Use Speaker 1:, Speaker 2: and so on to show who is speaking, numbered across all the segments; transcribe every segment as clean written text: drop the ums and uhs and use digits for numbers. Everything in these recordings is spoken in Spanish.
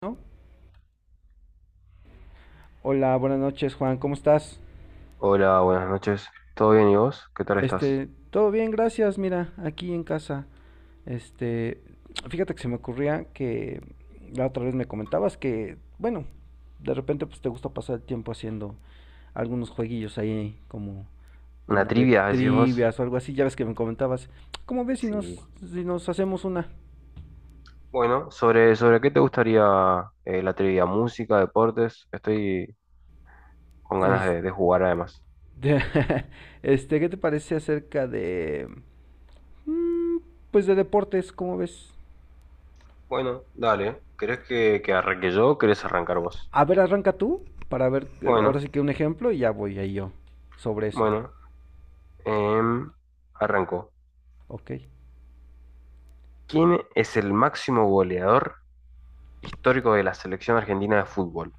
Speaker 1: ¿No? Hola, buenas noches, Juan, ¿cómo estás?
Speaker 2: Hola, buenas noches. ¿Todo bien y vos? ¿Qué tal estás?
Speaker 1: Todo bien, gracias, mira, aquí en casa. Este, Fíjate que se me ocurría que la otra vez me comentabas que, bueno, de repente pues te gusta pasar el tiempo haciendo algunos jueguillos ahí como
Speaker 2: ¿Una
Speaker 1: como de
Speaker 2: trivia, decís vos?
Speaker 1: trivias o algo así, ya ves que me comentabas. ¿Cómo ves si
Speaker 2: Sí.
Speaker 1: nos si nos hacemos una?
Speaker 2: Bueno, ¿sobre qué te gustaría la trivia? ¿Música, deportes? Estoy con ganas
Speaker 1: Este,
Speaker 2: de jugar además.
Speaker 1: ¿Qué te parece acerca de mm, pues de deportes? ¿Cómo ves?
Speaker 2: Bueno, dale. ¿Querés que arranque yo o querés arrancar vos?
Speaker 1: A ver, arranca tú para ver, ahora
Speaker 2: Bueno,
Speaker 1: sí que un ejemplo y ya voy ahí yo sobre eso.
Speaker 2: bueno. em, arranco.
Speaker 1: Ok.
Speaker 2: ¿Quién es el máximo goleador histórico de la selección argentina de fútbol?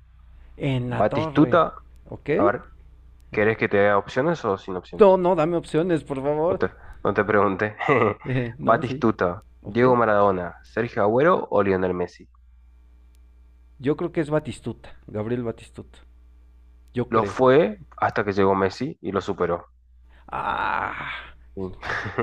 Speaker 1: En la torre.
Speaker 2: ¿Batistuta?
Speaker 1: Ok.
Speaker 2: A ver, ¿querés que te dé opciones o sin
Speaker 1: No,
Speaker 2: opciones?
Speaker 1: no, dame opciones, por
Speaker 2: No
Speaker 1: favor.
Speaker 2: te, no te pregunté.
Speaker 1: No, sí.
Speaker 2: Batistuta,
Speaker 1: Ok.
Speaker 2: Diego Maradona, Sergio Agüero o Lionel Messi.
Speaker 1: Yo creo que es Batistuta, Gabriel Batistuta. Yo
Speaker 2: Lo
Speaker 1: creo.
Speaker 2: fue hasta que llegó Messi y lo superó.
Speaker 1: Ah.
Speaker 2: Sí.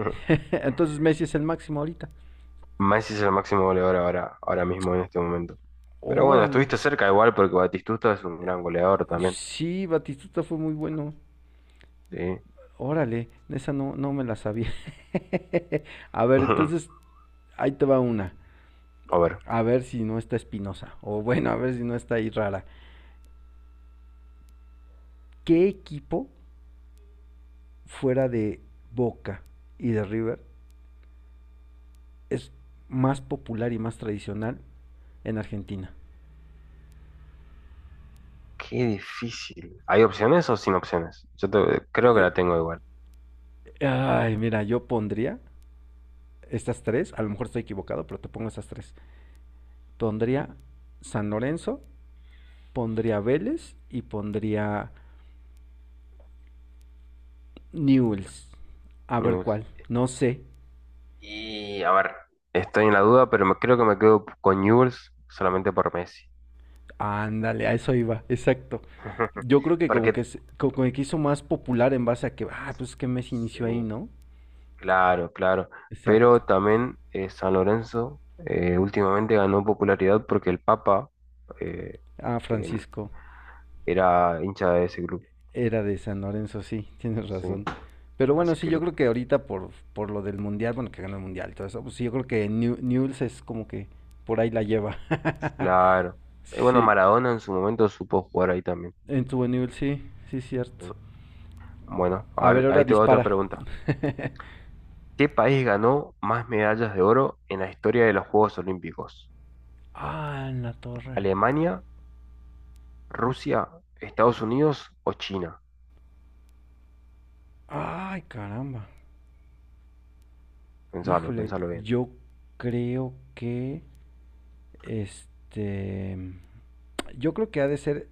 Speaker 1: Entonces Messi es el máximo ahorita.
Speaker 2: Messi es el máximo goleador ahora mismo en este momento. Pero bueno,
Speaker 1: Órale.
Speaker 2: estuviste cerca igual porque Batistuta es un gran goleador también.
Speaker 1: Sí, Batistuta fue muy bueno.
Speaker 2: Sí.
Speaker 1: Órale, esa no, no me la sabía. A ver, entonces ahí te va una.
Speaker 2: A ver,
Speaker 1: A ver si no está Espinosa, o bueno, a ver si no está ahí rara. ¿Qué equipo fuera de Boca y de River es más popular y más tradicional en Argentina?
Speaker 2: qué difícil. ¿Hay opciones o sin opciones? Yo creo que
Speaker 1: Eh,
Speaker 2: la tengo igual.
Speaker 1: Ay, mira, yo pondría estas tres, a lo mejor estoy equivocado, pero te pongo estas tres. Pondría San Lorenzo, pondría Vélez y pondría Newells. A ver
Speaker 2: Newell's.
Speaker 1: cuál, no sé.
Speaker 2: Y a ver, estoy en la duda, pero creo que me quedo con Newell's solamente por Messi.
Speaker 1: Ándale, a eso iba, exacto. Yo creo que
Speaker 2: Porque,
Speaker 1: como que hizo más popular en base a que, ah, pues que Messi inició ahí,
Speaker 2: sí,
Speaker 1: ¿no?
Speaker 2: claro, claro.
Speaker 1: Exacto.
Speaker 2: Pero también San Lorenzo últimamente ganó popularidad porque el Papa eh,
Speaker 1: Ah,
Speaker 2: en-
Speaker 1: Francisco
Speaker 2: era hincha de ese club.
Speaker 1: era de San Lorenzo, sí, tienes
Speaker 2: Sí,
Speaker 1: razón. Pero bueno,
Speaker 2: así
Speaker 1: sí,
Speaker 2: que
Speaker 1: yo
Speaker 2: lo,
Speaker 1: creo que ahorita por lo del mundial, bueno, que ganó el mundial y todo eso, pues sí, yo creo que Newell's es como que por ahí la lleva.
Speaker 2: claro. Y bueno,
Speaker 1: Sí,
Speaker 2: Maradona en su momento supo jugar ahí también.
Speaker 1: en tu Newell's, sí, sí, cierto.
Speaker 2: Sí. Bueno,
Speaker 1: A
Speaker 2: a
Speaker 1: ver,
Speaker 2: ver,
Speaker 1: ahora
Speaker 2: ahí te va otra
Speaker 1: dispara.
Speaker 2: pregunta. ¿Qué país ganó más medallas de oro en la historia de los Juegos Olímpicos?
Speaker 1: Ah, en la torre.
Speaker 2: ¿Alemania, Rusia, Estados Unidos o China?
Speaker 1: Ay, caramba.
Speaker 2: Pensalo,
Speaker 1: Híjole,
Speaker 2: pensalo.
Speaker 1: yo creo que este yo creo que ha de ser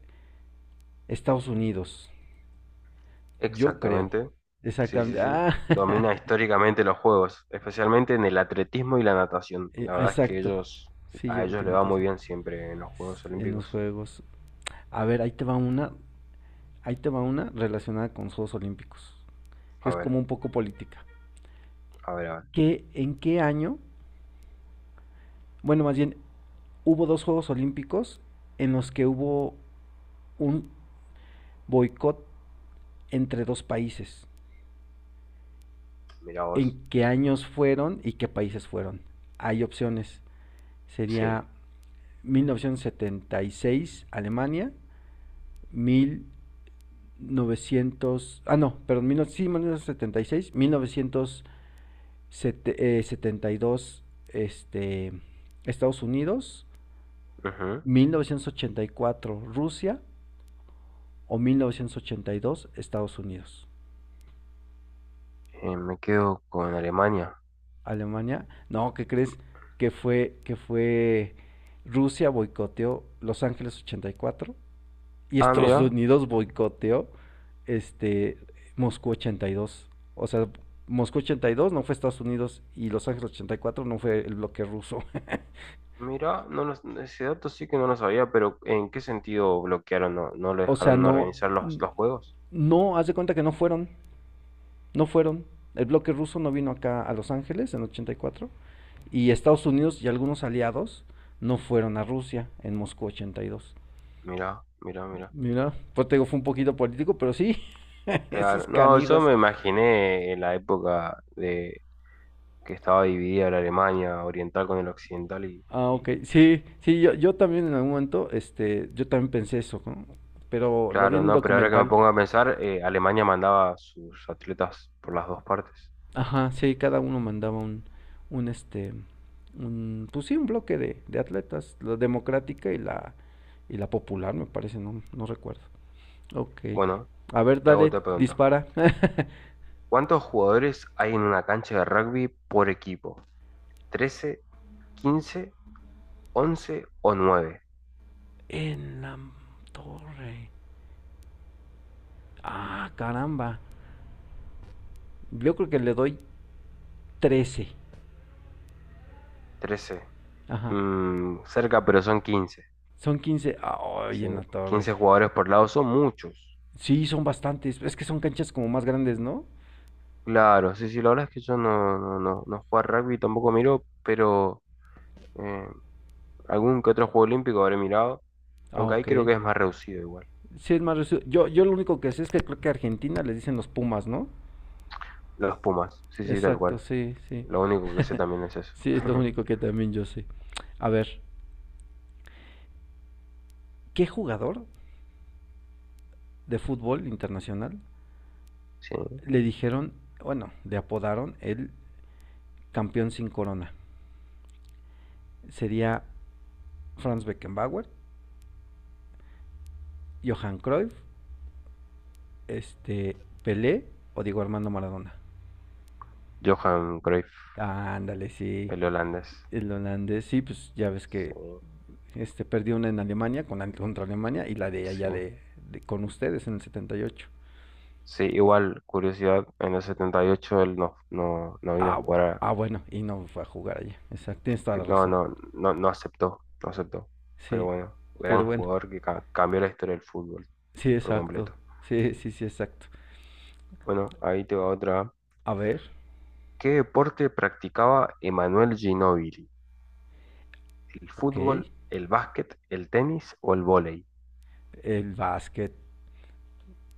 Speaker 1: Estados Unidos. Yo creo.
Speaker 2: Exactamente. Sí,
Speaker 1: Exactamente.
Speaker 2: sí, sí.
Speaker 1: Ah,
Speaker 2: Domina históricamente los juegos, especialmente en el atletismo y la natación. La
Speaker 1: ah,
Speaker 2: verdad es que
Speaker 1: exacto. Sí, yo
Speaker 2: a
Speaker 1: creo que
Speaker 2: ellos le va muy
Speaker 1: notación.
Speaker 2: bien siempre en los Juegos
Speaker 1: En los
Speaker 2: Olímpicos.
Speaker 1: juegos. A ver, ahí te va una. Ahí te va una relacionada con los Juegos Olímpicos. Que
Speaker 2: A
Speaker 1: es
Speaker 2: ver,
Speaker 1: como un poco política.
Speaker 2: a ver, a ver.
Speaker 1: ¿En qué año? Bueno, más bien, hubo dos Juegos Olímpicos en los que hubo un boicot entre dos países.
Speaker 2: Mira vos.
Speaker 1: ¿En qué años fueron y qué países fueron? Hay opciones. Sería
Speaker 2: Sí.
Speaker 1: 1976 Alemania, mil novecientos ah no, perdón, 19, sí, y seis, 1972 este, Estados Unidos,
Speaker 2: Ujú.
Speaker 1: 1984 Rusia o 1982 Estados Unidos.
Speaker 2: Me quedo con Alemania.
Speaker 1: Alemania. No, ¿qué crees? Que fue Rusia boicoteó Los Ángeles ochenta y cuatro y
Speaker 2: Ah,
Speaker 1: Estados
Speaker 2: mira,
Speaker 1: Unidos boicoteó este Moscú ochenta y dos. O sea, Moscú 82 no fue Estados Unidos y Los Ángeles 84 no fue el bloque ruso.
Speaker 2: mira, no lo- ese dato sí que no lo sabía, pero ¿en qué sentido bloquearon? ¿No, no lo
Speaker 1: O sea,
Speaker 2: dejaron no
Speaker 1: no,
Speaker 2: organizar los juegos?
Speaker 1: no, haz de cuenta que no fueron, no fueron. El bloque ruso no vino acá a Los Ángeles en ochenta y cuatro y Estados Unidos y algunos aliados no fueron a Rusia en Moscú 82.
Speaker 2: Mira, mira, mira.
Speaker 1: Mira, pues te digo, fue un poquito político, pero sí, esos
Speaker 2: Claro, no, yo
Speaker 1: canijos.
Speaker 2: me imaginé en la época que estaba dividida la Alemania oriental con el occidental y,
Speaker 1: Ah, ok.
Speaker 2: y
Speaker 1: Sí, sí, yo también en algún momento, yo también pensé eso, ¿no? Pero lo vi
Speaker 2: claro,
Speaker 1: en un
Speaker 2: no, pero ahora que me
Speaker 1: documental.
Speaker 2: pongo a pensar, Alemania mandaba a sus atletas por las dos partes.
Speaker 1: Ajá, sí, cada uno mandaba un este, un pues sí, un bloque de atletas, la democrática y la popular, me parece, no, no recuerdo. Ok.
Speaker 2: Bueno,
Speaker 1: A ver,
Speaker 2: te hago
Speaker 1: dale,
Speaker 2: otra pregunta.
Speaker 1: dispara.
Speaker 2: ¿Cuántos jugadores hay en una cancha de rugby por equipo? 13, 15, 11 o nueve.
Speaker 1: En la torre. Ah, caramba. Yo creo que le doy 13.
Speaker 2: 13.
Speaker 1: Ajá.
Speaker 2: Cerca, pero son 15.
Speaker 1: Son 15. Ay,
Speaker 2: Sí,
Speaker 1: en la torre.
Speaker 2: 15 jugadores por lado son muchos.
Speaker 1: Sí, son bastantes. Es que son canchas como más grandes, ¿no?
Speaker 2: Claro, sí, sí, la verdad es que yo no juego a rugby, tampoco miro, pero eh, algún que otro juego olímpico habré mirado,
Speaker 1: Ah,
Speaker 2: aunque ahí
Speaker 1: ok.
Speaker 2: creo que es más reducido igual.
Speaker 1: Sí, es más reducido. Yo lo único que sé es que creo que a Argentina les dicen los Pumas, ¿no?
Speaker 2: Los Pumas, sí, sí, tal
Speaker 1: Exacto,
Speaker 2: cual.
Speaker 1: sí, sí.
Speaker 2: Lo único que sé también es eso.
Speaker 1: Sí, es lo único que también yo sé. A ver, ¿qué jugador de fútbol internacional
Speaker 2: Sí,
Speaker 1: le dijeron, bueno, le apodaron el campeón sin corona? Sería Franz Beckenbauer, Johan Cruyff, este, Pelé o Diego Armando Maradona.
Speaker 2: Johan Cruyff,
Speaker 1: Ándale, sí.
Speaker 2: el holandés.
Speaker 1: El holandés, sí, pues ya ves
Speaker 2: Sí,
Speaker 1: que perdió una en Alemania contra Alemania y la de
Speaker 2: sí.
Speaker 1: allá con ustedes en el 78.
Speaker 2: Sí, igual, curiosidad, en el 78 él no vino a
Speaker 1: Ah,
Speaker 2: jugar,
Speaker 1: ah bueno, y no fue a jugar allá. Exacto, tienes toda
Speaker 2: que
Speaker 1: la
Speaker 2: no,
Speaker 1: razón.
Speaker 2: no, no, no aceptó, no aceptó. Pero
Speaker 1: Sí,
Speaker 2: bueno,
Speaker 1: pero
Speaker 2: gran
Speaker 1: bueno,
Speaker 2: jugador que cambió la historia del fútbol
Speaker 1: sí,
Speaker 2: por
Speaker 1: exacto.
Speaker 2: completo.
Speaker 1: Sí, sí, sí, exacto.
Speaker 2: Bueno, ahí te va otra.
Speaker 1: A ver,
Speaker 2: ¿Qué deporte practicaba Emanuel Ginóbili? El
Speaker 1: ok.
Speaker 2: fútbol, el básquet, el tenis o el vóley.
Speaker 1: El básquet,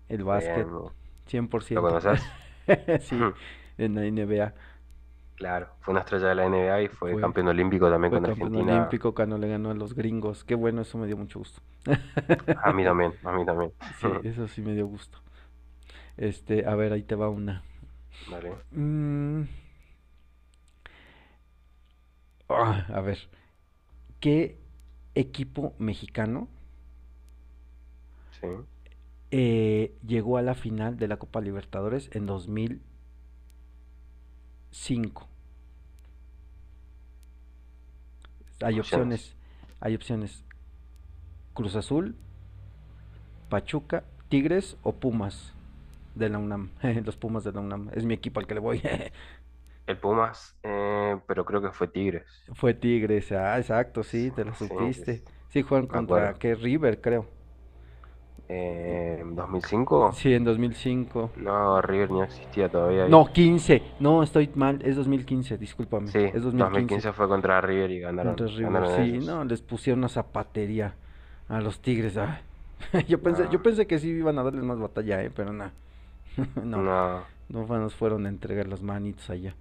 Speaker 1: el
Speaker 2: Muy bien,
Speaker 1: básquet,
Speaker 2: ¿no?
Speaker 1: cien por
Speaker 2: ¿Lo
Speaker 1: ciento,
Speaker 2: conoces?
Speaker 1: sí, en la NBA
Speaker 2: Claro, fue una estrella de la NBA y fue
Speaker 1: fue,
Speaker 2: campeón olímpico también
Speaker 1: fue
Speaker 2: con
Speaker 1: campeón
Speaker 2: Argentina.
Speaker 1: olímpico cuando le ganó a los gringos. Qué bueno, eso me dio mucho gusto.
Speaker 2: A mí también, a mí también.
Speaker 1: Sí, eso sí me dio gusto. A ver, ahí te va una.
Speaker 2: Dale,
Speaker 1: Mm, ah, a ver, ¿qué equipo mexicano
Speaker 2: sí.
Speaker 1: llegó a la final de la Copa Libertadores en 2005? Hay
Speaker 2: Opciones.
Speaker 1: opciones, hay opciones. Cruz Azul, Pachuca, Tigres o Pumas de la UNAM. Los Pumas de la UNAM. Es mi equipo al que le voy.
Speaker 2: El Pumas, pero creo que fue Tigres.
Speaker 1: Fue Tigres. Ah, exacto, sí,
Speaker 2: Sí,
Speaker 1: te la
Speaker 2: sí, sí,
Speaker 1: supiste.
Speaker 2: sí,
Speaker 1: Sí, juegan
Speaker 2: me
Speaker 1: contra,
Speaker 2: acuerdo.
Speaker 1: que River, creo.
Speaker 2: ¿2005?
Speaker 1: Sí, en 2005.
Speaker 2: No, River no existía todavía ahí.
Speaker 1: No, 15. No, estoy mal. Es 2015, discúlpame.
Speaker 2: Sí,
Speaker 1: Es 2015.
Speaker 2: 2015 fue contra River y
Speaker 1: Contra
Speaker 2: ganaron,
Speaker 1: River.
Speaker 2: ganaron
Speaker 1: Sí,
Speaker 2: ellos.
Speaker 1: no, les pusieron una zapatería a los Tigres. Ah. Yo
Speaker 2: No,
Speaker 1: pensé que sí iban a darles más batalla, pero nada. No,
Speaker 2: no,
Speaker 1: no fue- nos fueron a entregar las manitos allá.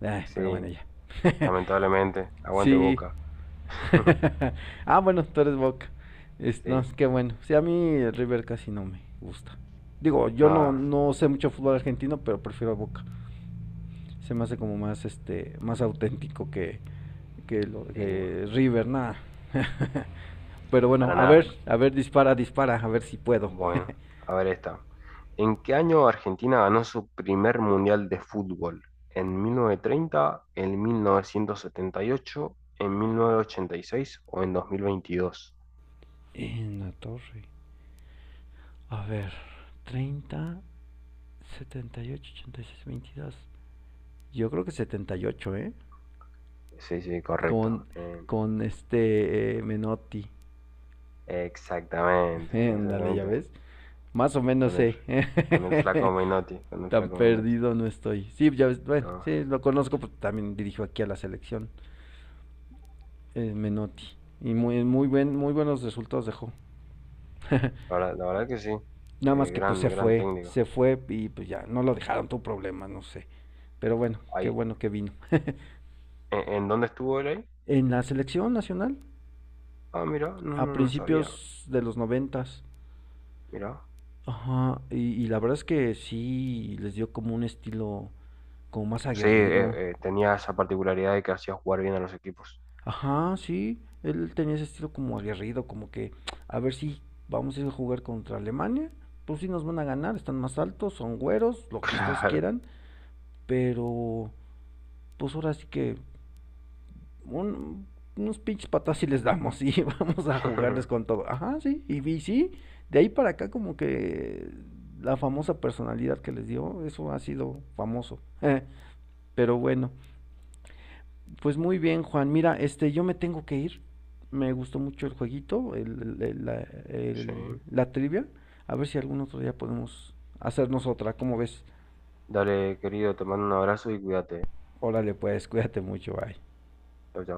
Speaker 1: Ay,
Speaker 2: sí,
Speaker 1: pero bueno, ya.
Speaker 2: lamentablemente. Aguante
Speaker 1: Sí.
Speaker 2: Boca.
Speaker 1: Ah, bueno, tú eres Boca. Es,
Speaker 2: Sí,
Speaker 1: no, es que bueno. Sí, a mí el River casi no me gusta. Digo, yo no,
Speaker 2: nada,
Speaker 1: no sé mucho fútbol argentino, pero prefiero a Boca. Se me hace como más auténtico que, que, lo,
Speaker 2: sí,
Speaker 1: que River, nada. Pero bueno,
Speaker 2: para nada.
Speaker 1: a ver, dispara, dispara, a ver si puedo.
Speaker 2: Bueno, a ver esta. ¿En qué año Argentina ganó su primer mundial de fútbol? ¿En 1930, en 1978, en 1986 o en 2022?
Speaker 1: En la torre. A ver, treinta, setenta y ocho, ochenta y seis, veintidós. Yo creo que setenta y ocho, ¿eh?
Speaker 2: Sí, sí,
Speaker 1: Con,
Speaker 2: correcto. Eh,
Speaker 1: con Menotti.
Speaker 2: exactamente,
Speaker 1: Ándale, ya
Speaker 2: exactamente.
Speaker 1: ves. Más o menos
Speaker 2: Con el,
Speaker 1: sé.
Speaker 2: con el flaco
Speaker 1: ¿Eh?
Speaker 2: Menotti, con el
Speaker 1: Tan
Speaker 2: flaco Menotti.
Speaker 1: perdido no estoy. Sí, ya ves, bueno,
Speaker 2: No,
Speaker 1: sí, lo conozco, pues también dirijo aquí a la selección. Eh, Menotti. Y muy buenos resultados dejó.
Speaker 2: la verdad que sí.
Speaker 1: Nada
Speaker 2: Eh,
Speaker 1: más que pues
Speaker 2: gran, gran técnico.
Speaker 1: se fue y pues ya, no lo dejaron, tu problema, no sé. Pero bueno, qué
Speaker 2: Ahí.
Speaker 1: bueno que vino.
Speaker 2: ¿En dónde estuvo él ahí?
Speaker 1: En la selección nacional,
Speaker 2: Ah, mira,
Speaker 1: a
Speaker 2: no sabía.
Speaker 1: principios de los noventas.
Speaker 2: Mira.
Speaker 1: Ajá, y la verdad es que sí les dio como un estilo como más
Speaker 2: Sí,
Speaker 1: aguerrido.
Speaker 2: tenía esa particularidad de que hacía jugar bien a los equipos.
Speaker 1: Ajá, sí. Él tenía ese estilo como aguerrido, como que a ver si vamos a ir a jugar contra Alemania. Pues sí nos van a ganar, están más altos, son güeros, lo que ustedes
Speaker 2: Claro.
Speaker 1: quieran. Pero pues ahora sí que un- unos pinches patas y les damos y vamos a jugarles con todo. Ajá, sí. Y vi, sí, de ahí para acá como que la famosa personalidad que les dio, eso ha sido famoso. Pero bueno. Pues muy bien, Juan. Mira, yo me tengo que ir. Me gustó mucho el jueguito,
Speaker 2: Sí.
Speaker 1: la trivia. A ver si algún otro día podemos hacernos otra. ¿Cómo ves?
Speaker 2: Dale, querido, te mando un abrazo y cuídate.
Speaker 1: Órale, pues, cuídate mucho, bye.
Speaker 2: Chau, chau.